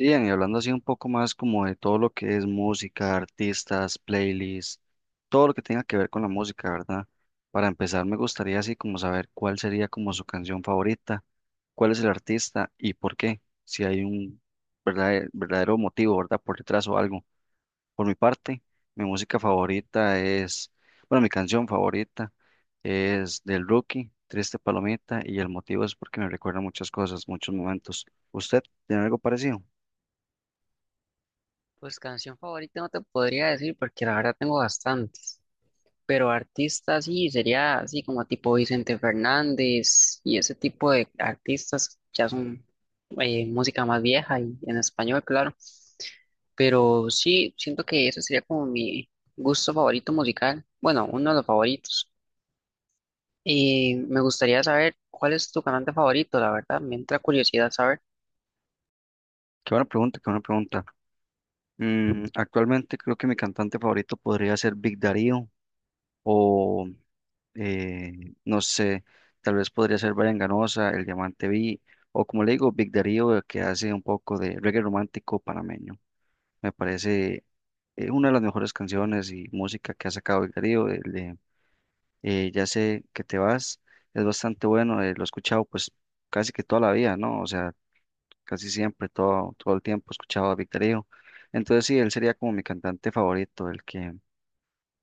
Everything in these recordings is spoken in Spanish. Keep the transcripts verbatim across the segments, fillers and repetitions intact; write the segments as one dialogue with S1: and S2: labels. S1: Sí, Ian, y hablando así un poco más como de todo lo que es música, artistas, playlists, todo lo que tenga que ver con la música, ¿verdad? Para empezar, me gustaría así como saber cuál sería como su canción favorita, cuál es el artista y por qué, si hay un verdadero, verdadero motivo, ¿verdad? Por detrás o algo. Por mi parte, mi música favorita es, bueno, mi canción favorita es del Rookie, Triste Palomita, y el motivo es porque me recuerda muchas cosas, muchos momentos. ¿Usted tiene algo parecido?
S2: Pues canción favorita no te podría decir porque la verdad tengo bastantes, pero artistas sí, sería así como tipo Vicente Fernández y ese tipo de artistas ya son eh, música más vieja y en español, claro, pero sí, siento que ese sería como mi gusto favorito musical, bueno, uno de los favoritos. Y me gustaría saber cuál es tu cantante favorito, la verdad, me entra curiosidad saber.
S1: Qué buena pregunta, qué buena pregunta. Mm, actualmente creo que mi cantante favorito podría ser Big Darío o eh, no sé, tal vez podría ser Brian Ganosa, El Diamante Vi o como le digo, Big Darío eh, que hace un poco de reggae romántico panameño. Me parece eh, una de las mejores canciones y música que ha sacado Big Darío, el de eh, Ya sé que te vas, es bastante bueno, eh, lo he escuchado pues casi que toda la vida, ¿no? O sea, casi siempre, todo, todo el tiempo escuchaba a Víctor Hijo. Entonces sí, él sería como mi cantante favorito, el que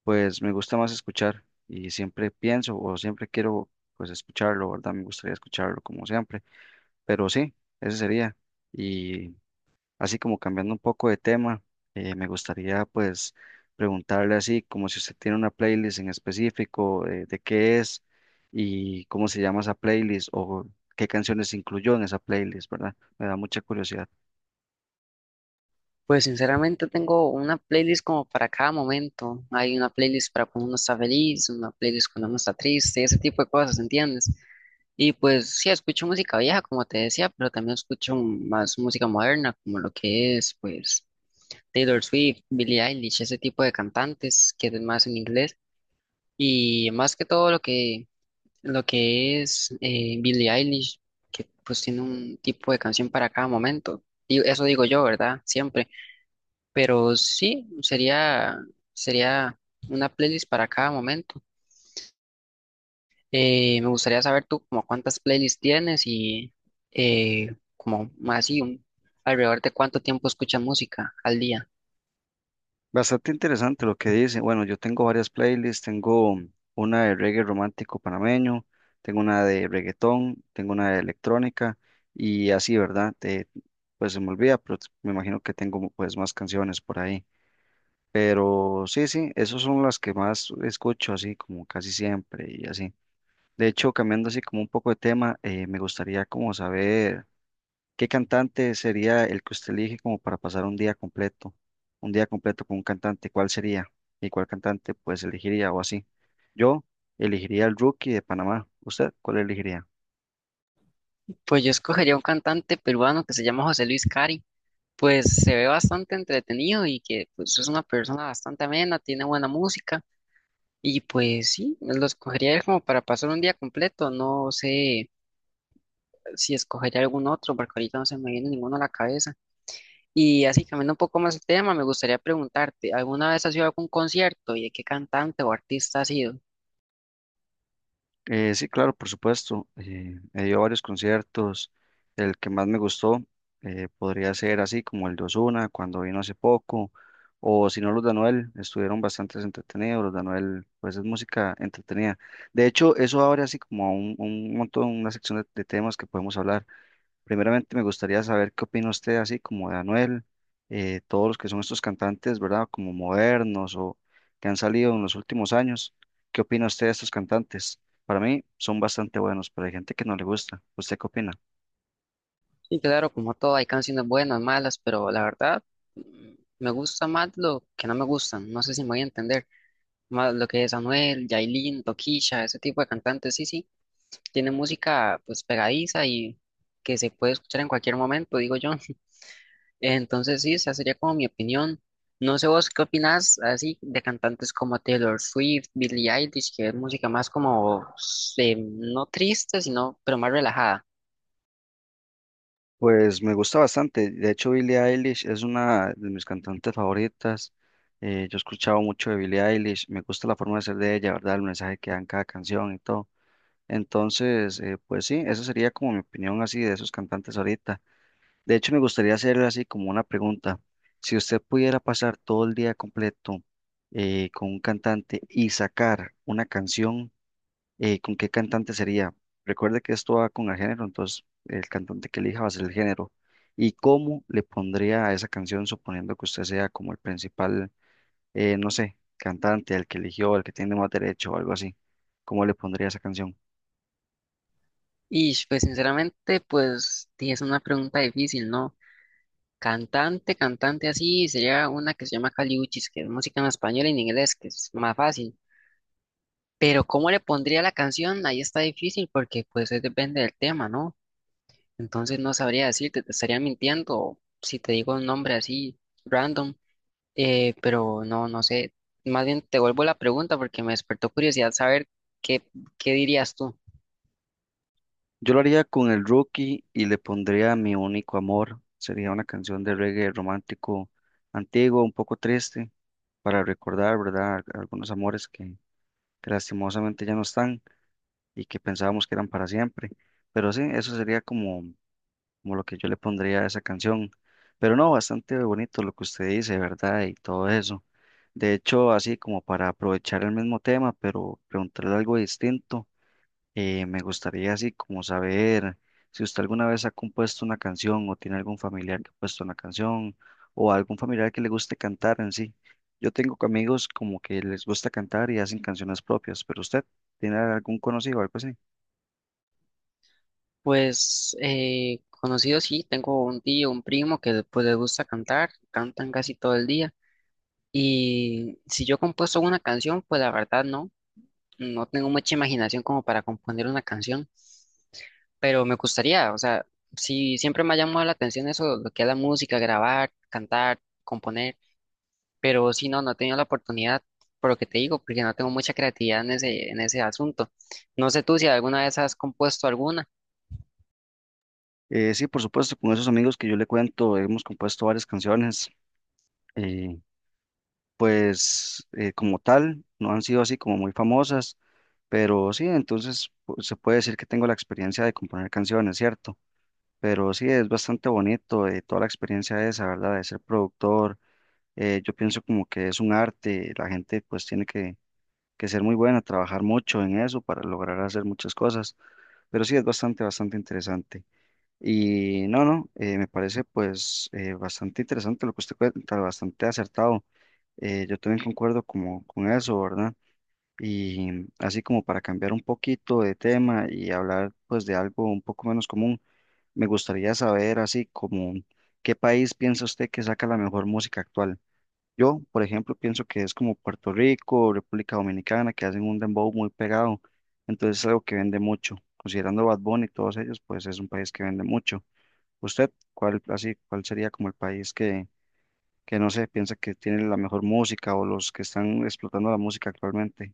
S1: pues me gusta más escuchar y siempre pienso o siempre quiero pues escucharlo, ¿verdad? Me gustaría escucharlo como siempre, pero sí, ese sería. Y así como cambiando un poco de tema, eh, me gustaría pues preguntarle así como si usted tiene una playlist en específico, eh, de qué es y cómo se llama esa playlist o qué canciones incluyó en esa playlist, ¿verdad? Me da mucha curiosidad.
S2: Pues sinceramente tengo una playlist como para cada momento. Hay una playlist para cuando uno está feliz, una playlist cuando uno está triste, ese tipo de cosas, ¿entiendes? Y pues sí, escucho música vieja, como te decía, pero también escucho más música moderna, como lo que es, pues, Taylor Swift, Billie Eilish, ese tipo de cantantes que es más en inglés. Y más que todo lo que, lo que es eh, Billie Eilish, que pues tiene un tipo de canción para cada momento. Y eso digo yo, ¿verdad? Siempre. Pero sí, sería, sería una playlist para cada momento. Eh, me gustaría saber tú como cuántas playlists tienes y eh, como más así, un- alrededor de cuánto tiempo escuchas música al día.
S1: Bastante interesante lo que dice. Bueno, yo tengo varias playlists, tengo una de reggae romántico panameño, tengo una de reggaetón, tengo una de electrónica y así, ¿verdad? Eh, pues se me olvida, pero t- me imagino que tengo pues más canciones por ahí. Pero sí, sí, esas son las que más escucho así como casi siempre y así. De hecho, cambiando así como un poco de tema, eh, me gustaría como saber, ¿qué cantante sería el que usted elige como para pasar un día completo? Un día completo con un cantante, ¿cuál sería? ¿Y cuál cantante pues elegiría o así? Yo elegiría el Rookie de Panamá. ¿Usted cuál elegiría?
S2: Pues yo escogería un cantante peruano que se llama José Luis Cari. Pues se ve bastante entretenido y que pues, es una persona bastante amena, tiene buena música y pues sí, lo escogería como para pasar un día completo. No sé si escogería algún otro porque ahorita no se me viene ninguno a la cabeza. Y así, cambiando un poco más el tema, me gustaría preguntarte, ¿alguna vez has ido a algún concierto y de qué cantante o artista has sido?
S1: Eh, sí, claro, por supuesto. Eh, he ido a varios conciertos. El que más me gustó eh, podría ser así como el de Ozuna cuando vino hace poco, o si no los de Anuel, estuvieron bastante entretenidos. Los de Anuel, pues es música entretenida. De hecho, eso abre así como a un, un montón, una sección de, de temas que podemos hablar. Primeramente me gustaría saber qué opina usted así como de Anuel, eh, todos los que son estos cantantes, ¿verdad? Como modernos o que han salido en los últimos años. ¿Qué opina usted de estos cantantes? Para mí son bastante buenos, pero hay gente que no le gusta. ¿Usted qué opina?
S2: Sí, claro, como todo, hay canciones buenas, malas, pero la verdad, mm, me gusta más lo que no me gustan, no sé si me voy a entender, más lo que es Anuel, Yailin, Tokisha, ese tipo de cantantes, sí, sí, tiene música pues pegadiza y que se puede escuchar en cualquier momento, digo yo. Entonces sí, esa sería como mi opinión. No sé vos qué opinás así de cantantes como Taylor Swift, Billie Eilish, que es música más como eh, no triste, sino pero más relajada.
S1: Pues me gusta bastante. De hecho, Billie Eilish es una de mis cantantes favoritas. Eh, yo he escuchado mucho de Billie Eilish. Me gusta la forma de ser de ella, ¿verdad? El mensaje que dan cada canción y todo. Entonces, eh, pues sí, esa sería como mi opinión así de esos cantantes ahorita. De hecho, me gustaría hacerle así como una pregunta. Si usted pudiera pasar todo el día completo eh, con un cantante y sacar una canción, eh, ¿con qué cantante sería? Recuerde que esto va con el género, entonces el cantante que elija va a ser el género. ¿Y cómo le pondría a esa canción, suponiendo que usted sea como el principal, eh, no sé, cantante, el que eligió, el que tiene más derecho o algo así? ¿Cómo le pondría esa canción?
S2: Y pues sinceramente, pues sí, es una pregunta difícil, ¿no? Cantante, cantante así, sería una que se llama Caliuchis, que es música en español y en inglés, que es más fácil. Pero cómo le pondría la canción, ahí está difícil porque pues eh, depende del tema, ¿no? Entonces no sabría decirte, te estaría mintiendo si te digo un nombre así random, eh, pero no, no sé. Más bien te vuelvo la pregunta porque me despertó curiosidad saber qué, qué dirías tú.
S1: Yo lo haría con el Rookie y le pondría Mi único amor. Sería una canción de reggae romántico antiguo, un poco triste, para recordar, ¿verdad? Algunos amores que, que lastimosamente ya no están y que pensábamos que eran para siempre. Pero sí, eso sería como, como lo que yo le pondría a esa canción. Pero no, bastante bonito lo que usted dice, ¿verdad? Y todo eso. De hecho, así como para aprovechar el mismo tema, pero preguntarle algo distinto. Eh, me gustaría así como saber si usted alguna vez ha compuesto una canción o tiene algún familiar que ha puesto una canción o algún familiar que le guste cantar en sí. Yo tengo amigos como que les gusta cantar y hacen canciones propias, pero usted tiene algún conocido o algo así.
S2: Pues eh, conocido sí, tengo un tío, un primo que pues les gusta cantar, cantan casi todo el día. Y si yo he compuesto una canción, pues la verdad no, no tengo mucha imaginación como para componer una canción. Pero me gustaría, o sea, sí, siempre me ha llamado la atención eso, lo que es la música, grabar, cantar, componer, pero si no, no he tenido la oportunidad, por lo que te digo, porque no tengo mucha creatividad en ese, en ese asunto. No sé tú si alguna vez has compuesto alguna.
S1: Eh, sí, por supuesto, con esos amigos que yo le cuento hemos compuesto varias canciones, eh, pues eh, como tal, no han sido así como muy famosas, pero sí, entonces pu- se puede decir que tengo la experiencia de componer canciones, ¿cierto? Pero sí, es bastante bonito eh, toda la experiencia esa, ¿verdad? De ser productor. Eh, yo pienso como que es un arte, la gente pues tiene que, que ser muy buena, trabajar mucho en eso para lograr hacer muchas cosas. Pero sí, es bastante, bastante interesante. Y no, no, eh, me parece pues eh, bastante interesante lo que usted cuenta, bastante acertado. Eh, yo también concuerdo como con eso, ¿verdad? Y así como para cambiar un poquito de tema y hablar pues de algo un poco menos común. Me gustaría saber, así como, ¿qué país piensa usted que saca la mejor música actual? Yo, por ejemplo, pienso que es como Puerto Rico, República Dominicana, que hacen un dembow muy pegado. Entonces es algo que vende mucho. Considerando Bad Bunny y todos ellos, pues es un país que vende mucho. ¿Usted cuál, así, cuál sería como el país que, que no sé, piensa que tiene la mejor música o los que están explotando la música actualmente?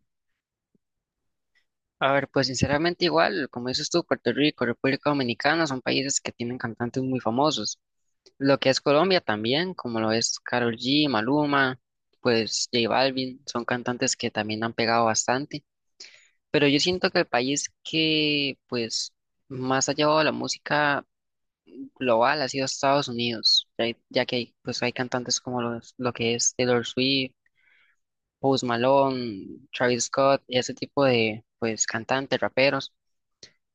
S2: A ver, pues sinceramente igual, como dices tú, Puerto Rico, República Dominicana son países que tienen cantantes muy famosos. Lo que es Colombia también, como lo es Karol G, Maluma, pues J Balvin, son cantantes que también han pegado bastante. Pero yo siento que el país que, pues, más ha llevado la música global ha sido Estados Unidos, ya, ya que hay, pues, hay cantantes como los, lo que es Taylor Swift, Post Malone, Travis Scott, ese tipo de, pues, cantantes, raperos,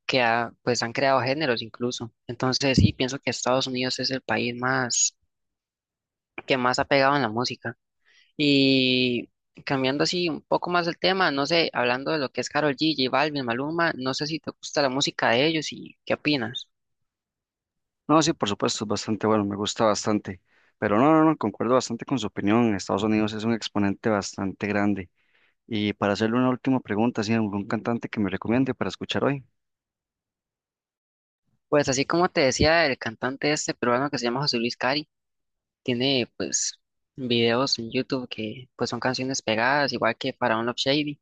S2: que ha- pues, han creado géneros incluso. Entonces, sí, pienso que Estados Unidos es el país más, que más ha pegado en la música. Y cambiando así un poco más el tema, no sé, hablando de lo que es Karol G, J Balvin, Maluma, no sé si te gusta la música de ellos y qué opinas.
S1: No, sí, por supuesto, es bastante bueno, me gusta bastante. Pero no, no, no, concuerdo bastante con su opinión. Estados Unidos es un exponente bastante grande. Y para hacerle una última pregunta, ¿sí, algún cantante que me recomiende para escuchar hoy?
S2: Pues así como te decía, el cantante este peruano que se llama José Luis Cari, tiene pues videos en YouTube que pues son canciones pegadas, igual que para Love Shady.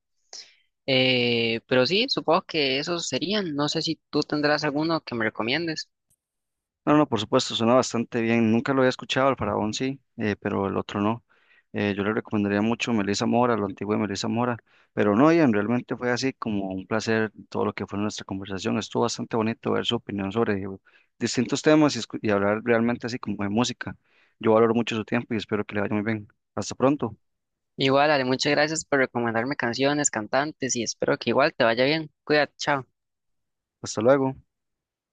S2: Eh, pero sí, supongo que esos serían, no sé si tú tendrás alguno que me recomiendes.
S1: No, no, por supuesto, suena bastante bien. Nunca lo había escuchado, el Faraón sí, eh, pero el otro no. Eh, yo le recomendaría mucho Melissa Mora, lo antiguo de Melissa Mora. Pero no, Ian, realmente fue así como un placer todo lo que fue nuestra conversación. Estuvo bastante bonito ver su opinión sobre distintos temas y, escu- y hablar realmente así como de música. Yo valoro mucho su tiempo y espero que le vaya muy bien. Hasta pronto,
S2: Igual, Ale, muchas gracias por recomendarme canciones, cantantes y espero que igual te vaya bien. Cuídate, chao.
S1: hasta luego.